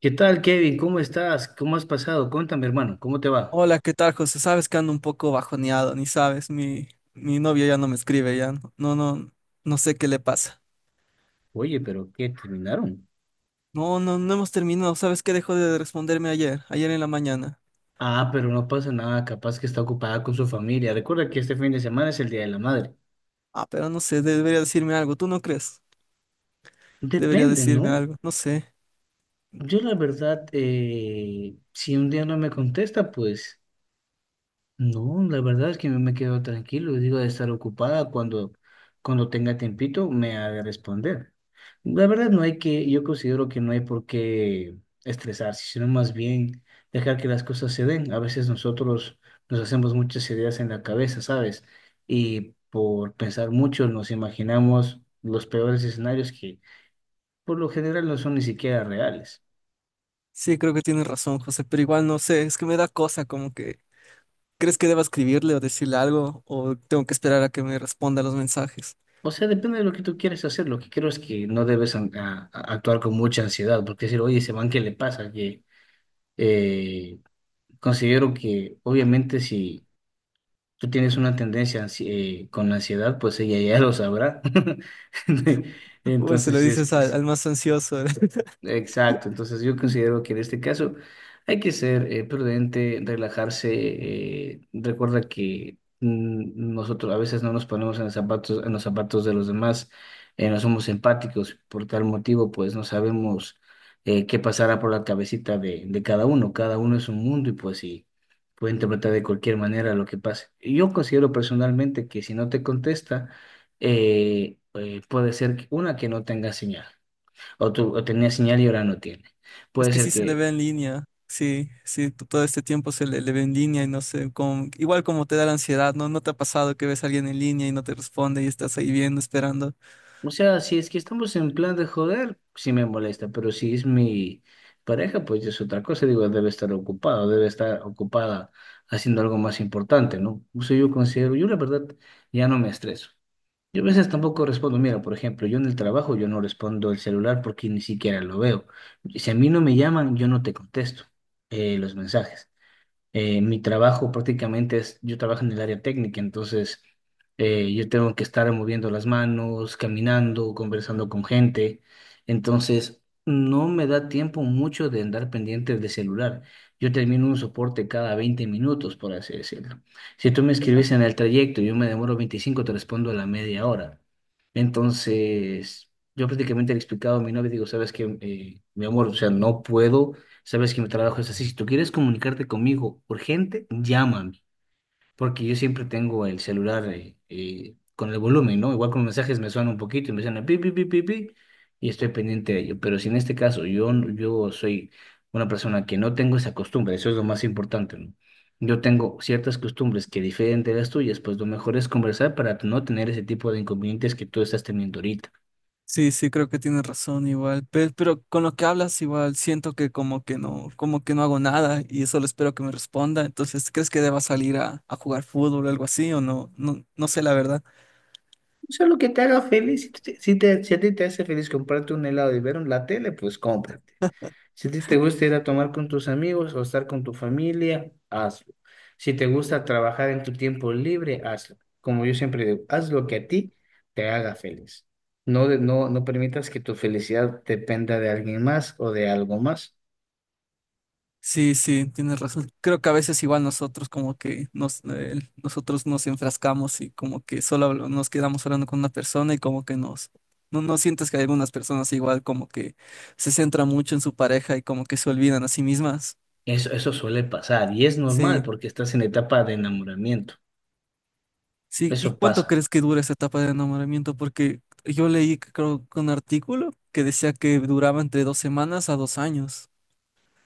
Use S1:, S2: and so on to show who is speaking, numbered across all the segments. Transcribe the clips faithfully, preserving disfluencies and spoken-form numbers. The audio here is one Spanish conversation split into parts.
S1: ¿Qué tal, Kevin? ¿Cómo estás? ¿Cómo has pasado? Cuéntame, hermano, ¿cómo te va?
S2: Hola, ¿qué tal, José? Sabes que ando un poco bajoneado, ni sabes, mi, mi novia ya no me escribe, ya no, no, no, no sé qué le pasa.
S1: Oye, pero ¿qué terminaron?
S2: No, no, no hemos terminado. ¿Sabes qué? Dejó de responderme ayer, ayer en la mañana.
S1: Ah, pero no pasa nada, capaz que está ocupada con su familia. Recuerda que este fin de semana es el Día de la Madre.
S2: Ah, pero no sé, debería decirme algo, ¿tú no crees? Debería
S1: Depende,
S2: decirme
S1: ¿no?
S2: algo, no sé.
S1: Yo la verdad, eh, si un día no me contesta, pues... No, la verdad es que me quedo tranquilo, digo de estar ocupada cuando, cuando tenga tiempito me haga responder. La verdad no hay que, yo considero que no hay por qué estresarse, sino más bien dejar que las cosas se den. A veces nosotros nos hacemos muchas ideas en la cabeza, ¿sabes? Y por pensar mucho nos imaginamos los peores escenarios que por lo general no son ni siquiera reales.
S2: Sí, creo que tienes razón, José, pero igual no sé, es que me da cosa, como que, ¿crees que deba escribirle o decirle algo? ¿O tengo que esperar a que me responda los mensajes?
S1: O sea, depende de lo que tú quieras hacer. Lo que creo es que no debes an- a- a- actuar con mucha ansiedad, porque decir, oye, ese man, ¿qué le pasa? Que eh, considero que, obviamente, si tú tienes una tendencia ansi- eh, con ansiedad, pues ella ya lo sabrá.
S2: Uy, se
S1: Entonces,
S2: lo
S1: sí es
S2: dices
S1: que,
S2: al,
S1: si
S2: al más ansioso.
S1: Exacto, entonces yo considero que en este caso hay que ser eh, prudente, relajarse. Eh, recuerda que mm, nosotros a veces no nos ponemos en los zapatos, en los zapatos de los demás, eh, no somos empáticos, por tal motivo pues no sabemos eh, qué pasará por la cabecita de, de cada uno. Cada uno es un mundo y pues sí, puede interpretar de cualquier manera lo que pase. Y Yo considero personalmente que si no te contesta, eh, eh, puede ser que- una que no tenga señal. O, tu- o tenía señal y ahora no tiene.
S2: Es
S1: Puede
S2: que
S1: ser
S2: sí se le
S1: que,
S2: ve en línea, sí, sí, t- todo este tiempo se le, le ve en línea y no sé, con, igual como te da la ansiedad, ¿no? ¿No te ha pasado que ves a alguien en línea y no te responde y estás ahí viendo, esperando?
S1: o sea, si es que estamos en plan de joder, sí me molesta, pero si es mi pareja, pues es otra cosa. Digo, debe estar ocupado, debe estar ocupada haciendo algo más importante, ¿no? Eso yo considero, yo la verdad ya no me estreso. Yo a veces tampoco respondo, mira, por ejemplo, yo en el trabajo yo no respondo el celular porque ni siquiera lo veo. Si a mí no me llaman, yo no te contesto eh, los mensajes. Eh, mi trabajo prácticamente es, yo trabajo en el área técnica, entonces eh, yo tengo que estar moviendo las manos, caminando, conversando con gente, entonces no me da tiempo mucho de andar pendiente del celular. Yo termino un soporte cada veinte minutos, por así decirlo. Si tú me escribes en el trayecto, yo me demoro veinticinco, te respondo a la media hora. Entonces, yo prácticamente le he explicado a mi novia, digo, ¿sabes qué? Eh, mi amor, o sea, no puedo. Sabes que mi trabajo es así. Si tú quieres comunicarte conmigo urgente, llámame, porque yo siempre tengo el celular eh, eh, con el volumen, ¿no? Igual con los mensajes me suena un poquito y me suena pi, pi, pi, pi, pi, y estoy pendiente de ello. Pero si en este caso yo, yo soy una persona que no tengo esa costumbre, eso es lo más importante, ¿no? Yo tengo ciertas costumbres que difieren de las tuyas, pues lo mejor es conversar para no tener ese tipo de inconvenientes que tú estás teniendo ahorita.
S2: Sí, sí, creo que tienes razón igual, pero, pero con lo que hablas igual siento que como que no, como que no hago nada y solo espero que me responda. Entonces, ¿crees que deba salir a, a jugar fútbol o algo así o no? No, no sé la verdad.
S1: O sea, lo que te haga feliz, si, te, si te- si a ti te hace feliz comprarte un helado y ver un- la tele, pues cómprate. Si a ti te gusta ir a tomar con tus amigos o estar con tu familia, hazlo. Si te gusta trabajar en tu tiempo libre, hazlo. Como yo siempre digo, haz lo que a ti te haga feliz. No, de- no, no permitas que tu felicidad dependa de alguien más o de algo más.
S2: Sí, sí, tienes razón. Creo que a veces igual nosotros como que nos, eh, nosotros nos enfrascamos y como que solo hablo- nos quedamos hablando con una persona y como que nos, no, no sientes que hay algunas personas igual como que se centran mucho en su pareja y como que se olvidan a sí mismas.
S1: Eso, eso suele pasar y es normal
S2: Sí,
S1: porque estás en etapa de enamoramiento.
S2: sí. ¿Y
S1: Eso
S2: cuánto
S1: pasa.
S2: crees que dura esa etapa de enamoramiento? Porque yo leí creo un artículo que decía que duraba entre dos semanas a dos años.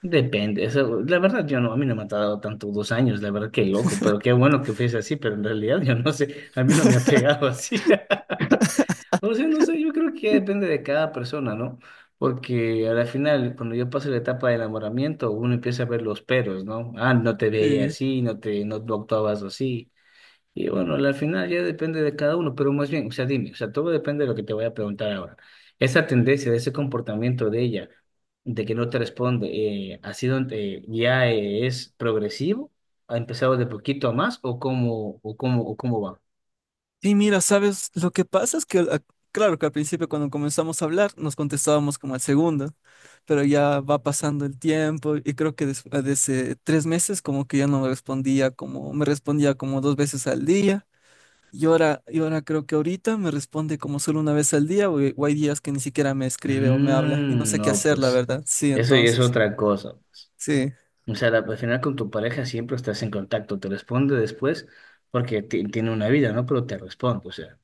S1: Depende, eso, la verdad yo no, a mí no me ha tardado tanto dos años, la verdad que loco, pero qué bueno que fuese así, pero en realidad yo no sé, a mí no me ha pegado así. No sé, no sé, yo creo que depende de cada persona, ¿no? Porque al final, cuando yo paso la etapa de enamoramiento, uno empieza a ver los peros, ¿no? Ah, no te veía
S2: Sí.
S1: así, no te, no, no actuabas así. Y bueno, al final ya depende de cada uno, pero más bien, o sea, dime, o sea, todo depende de lo que te voy a preguntar ahora. Esa tendencia, de ese comportamiento de ella, de que no te responde, eh, ¿ha sido, eh, ya eh, es progresivo? ¿Ha empezado de poquito a más o cómo, o cómo, o cómo va?
S2: Sí, mira, ¿sabes? Lo que pasa es que, ah, claro que al principio cuando comenzamos a hablar nos contestábamos como al segundo, pero ya va pasando el tiempo y creo que des- ah, desde tres meses como que ya no me respondía como, me respondía como dos veces al día y ahora, y ahora creo que ahorita me responde como solo una vez al día o, eh, o hay días que ni siquiera me escribe o me habla y no
S1: Mm,
S2: sé qué
S1: no,
S2: hacer, la
S1: pues,
S2: verdad. Sí,
S1: eso y es
S2: entonces,
S1: otra cosa, pues.
S2: sí,
S1: O sea, la- al final con tu pareja siempre estás en contacto, te responde después porque ti- tiene una vida, ¿no? Pero te responde, o sea.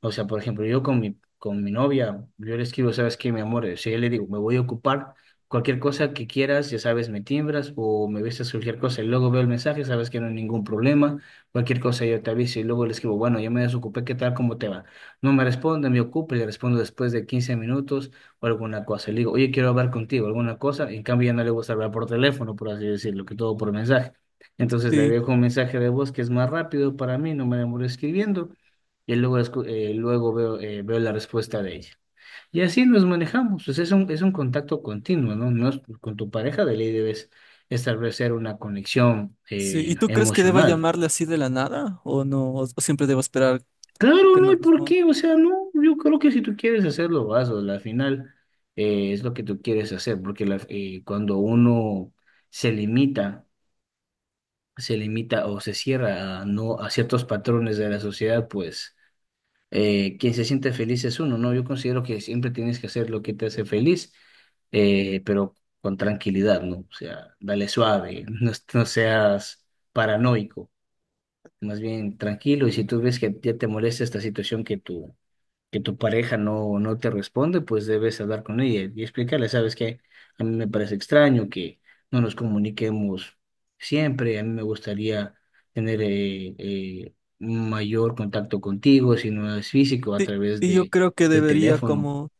S1: O sea, por ejemplo, yo con mi, con mi novia, yo le escribo, ¿sabes qué, mi amor? O sea, yo le digo, me voy a ocupar cualquier cosa que quieras, ya sabes, me timbras o me avisas cualquier cosa y luego veo el mensaje, sabes que no hay ningún problema, cualquier cosa yo te aviso y luego le escribo, bueno, yo me desocupé, ¿qué tal? ¿Cómo te va? No me responde, me ocupo y le respondo después de quince minutos o alguna cosa. Le digo, oye, quiero hablar contigo, alguna cosa. En cambio, ya no le gusta hablar por teléfono, por así decirlo, que todo por mensaje. Entonces le
S2: sí,
S1: dejo un mensaje de voz que es más rápido para mí, no me demoro escribiendo. Y luego, escu- eh, luego veo, eh, veo la respuesta de ella. Y así nos manejamos. Pues es un, es un contacto continuo, ¿no? No es- con tu pareja de ley debes establecer una conexión
S2: sí.
S1: eh,
S2: ¿Y tú crees que deba
S1: emocional.
S2: llamarle así de la nada o no? ¿O, o siempre debo esperar
S1: Claro,
S2: que
S1: no
S2: me
S1: hay por
S2: responda?
S1: qué, o sea, no, yo creo que si tú quieres hacerlo, hazlo, al final eh, es lo que tú quieres hacer, porque la- eh, cuando uno se limita, se limita o se cierra a, no, a ciertos patrones de la sociedad, pues eh, quien se siente feliz es uno, ¿no? Yo considero que siempre tienes que hacer lo que te hace feliz, eh, pero con tranquilidad, ¿no? O sea, dale suave, no, es- no seas paranoico, más bien tranquilo, y si tú ves que ya te molesta esta situación que tú que tu pareja no, no te responde, pues debes hablar con ella y explicarle, ¿sabes qué? A mí me parece extraño que no nos comuniquemos siempre, a mí me gustaría tener eh, eh, un mayor contacto contigo, si no es físico, a
S2: Sí,
S1: través
S2: y yo
S1: de,
S2: creo que
S1: del
S2: debería
S1: teléfono.
S2: como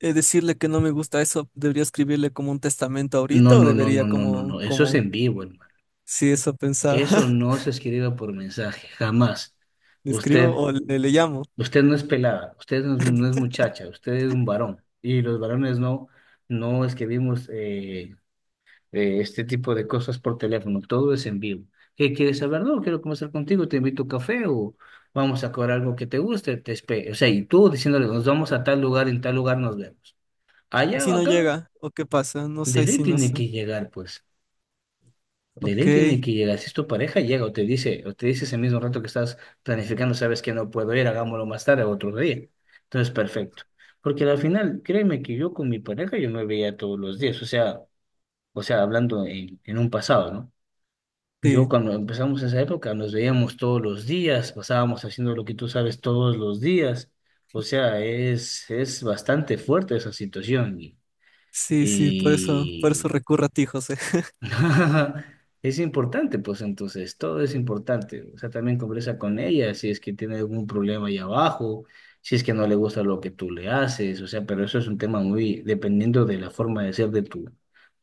S2: eh, decirle que no me gusta eso, debería escribirle como un testamento
S1: No,
S2: ahorita o
S1: no, no,
S2: debería
S1: no, no, no,
S2: como,
S1: no, eso es
S2: como,
S1: en vivo, hermano.
S2: si eso pensaba,
S1: Eso no se escribe por mensaje, jamás.
S2: le escribo
S1: Usted,
S2: o le, le llamo.
S1: usted no es pelada, usted no es, no es muchacha, usted es un varón y los varones no no escribimos eh, eh, este tipo de cosas por teléfono, todo es en vivo. ¿Qué quieres saber? No, quiero conversar contigo, te invito a café o vamos a comer algo que te guste, te espe- o sea, y tú diciéndole, nos vamos a tal lugar, en tal lugar nos vemos.
S2: ¿Y
S1: Allá
S2: si
S1: o
S2: no
S1: acá,
S2: llega? ¿O qué pasa? No
S1: de
S2: sé,
S1: ley
S2: si no
S1: tiene
S2: sé.
S1: que llegar, pues. De
S2: Ok,
S1: ley tiene que llegar. Si es tu pareja, llega o te dice, o te dice ese mismo rato que estás planificando, sabes que no puedo ir, hagámoslo más tarde otro día. Entonces, perfecto. Porque al final, créeme que yo con mi pareja yo me veía todos los días, o sea, o sea, hablando en en un pasado, ¿no? Yo
S2: sí,
S1: cuando empezamos esa época nos veíamos todos los días, pasábamos haciendo lo que tú sabes todos los días. O sea, es, es bastante fuerte esa situación.
S2: sí, sí, por eso, por eso
S1: Y,
S2: recurro a ti, José.
S1: es importante, pues entonces, todo es importante. O sea, también conversa con ella si es que tiene algún problema ahí abajo, si es que no le gusta lo que tú le haces, o sea, pero eso es un tema muy dependiendo de la forma de ser de tu,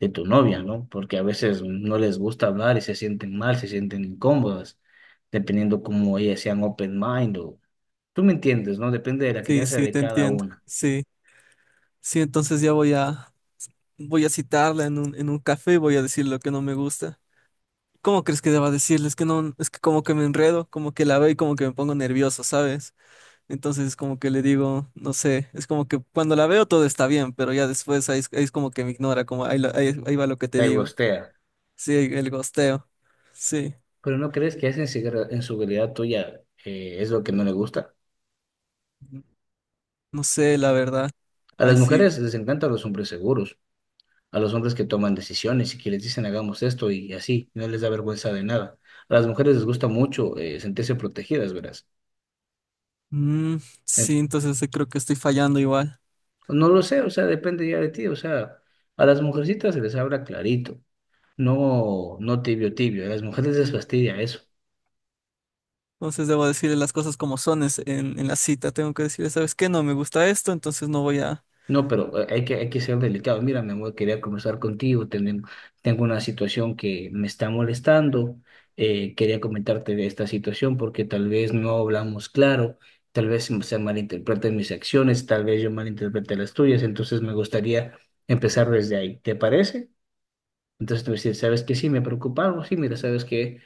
S1: de tu novia, ¿no? Porque a veces no les gusta hablar y se sienten mal, se sienten incómodas, dependiendo cómo ellas sean open mind o... Tú me entiendes, ¿no? Depende de la
S2: Sí,
S1: crianza
S2: sí,
S1: de
S2: te
S1: cada
S2: entiendo.
S1: una.
S2: Sí, sí, entonces ya voy a, voy a citarla en un, en un café y voy a decir lo que no me gusta. ¿Cómo crees que deba decirle? Es que no, es que como que me enredo, como que la veo y como que me pongo nervioso, ¿sabes? Entonces es como que le digo, no sé, es como que cuando la veo todo está bien, pero ya después ahí es, ahí es como que me ignora, como ahí, la- ahí- ahí va lo que te
S1: Te
S2: digo.
S1: gustea.
S2: Sí, el gosteo. Sí,
S1: Pero ¿no crees que esa inseguridad inseguridad tuya eh, es lo que no le gusta?
S2: no sé, la verdad.
S1: A las
S2: Ay, sí.
S1: mujeres les encantan los hombres seguros, a los hombres que toman decisiones y que les dicen hagamos esto y así, no les da vergüenza de nada. A las mujeres les gusta mucho eh, sentirse protegidas, verás.
S2: Mm, sí,
S1: En-
S2: entonces eh, creo que estoy fallando igual.
S1: no lo sé, o sea, depende ya de ti, o sea, a las mujercitas se les habla clarito, no, no tibio, tibio, a las mujeres les fastidia eso.
S2: Entonces debo decirle las cosas como son es- en, en la cita. Tengo que decirle, ¿sabes qué? No me gusta esto, entonces no voy a,
S1: No, pero eh, hay que, hay que ser delicado. Mira, mi amor, quería conversar contigo. Tenem- tengo una situación que me está molestando. Eh, quería comentarte de esta situación porque tal vez no hablamos claro, tal vez se malinterpreten mis acciones, tal vez yo malinterprete las tuyas. Entonces me gustaría empezar desde ahí. ¿Te parece? Entonces te voy a decir, ¿sabes qué? Sí, me preocupa algo. Sí, mira, ¿sabes que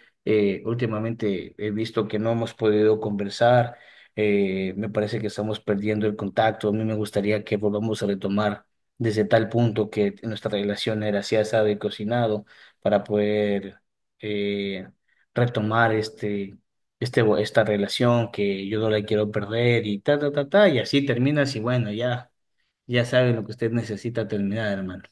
S1: últimamente he visto que no hemos podido conversar? Eh, me parece que estamos perdiendo el contacto. A mí me gustaría que volvamos a retomar desde tal punto que nuestra relación era así asado y cocinado para poder eh, retomar este, este, esta relación que yo no la quiero perder y ta, ta, ta, ta. Y así terminas y bueno, ya, ya sabes lo que usted necesita terminar, hermano.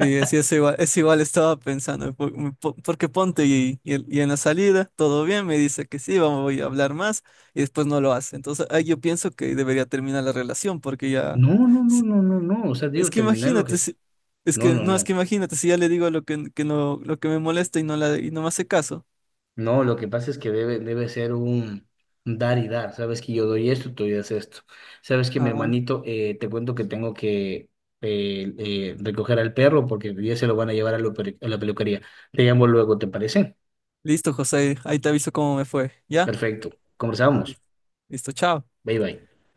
S2: sí, es, es igual, es igual estaba pensando, po- po- porque ponte y, y el- y en la salida todo bien, me dice que sí, vamos, voy a hablar más y después no lo hace. Entonces ahí yo pienso que debería terminar la relación porque ya,
S1: No, no, no,
S2: si-
S1: no, no, no. O sea,
S2: es
S1: digo,
S2: que
S1: terminar lo
S2: imagínate,
S1: que...
S2: si- es
S1: No,
S2: que
S1: no,
S2: no, es que
S1: no.
S2: imagínate si ya le digo lo que, que no, lo que me molesta y no, la, y no me hace caso.
S1: No, lo que pasa es que debe, debe ser un dar y dar. Sabes que yo doy esto, tú das esto. Sabes que mi
S2: Ah,
S1: hermanito, eh, te cuento que tengo que eh, eh, recoger al perro porque ya se lo van a llevar a, la peri- a la peluquería. Te llamo luego, ¿te parece?
S2: listo, José, ahí te aviso cómo me fue. ¿Ya?
S1: Perfecto. Conversamos.
S2: Listo, chao.
S1: Bye, bye.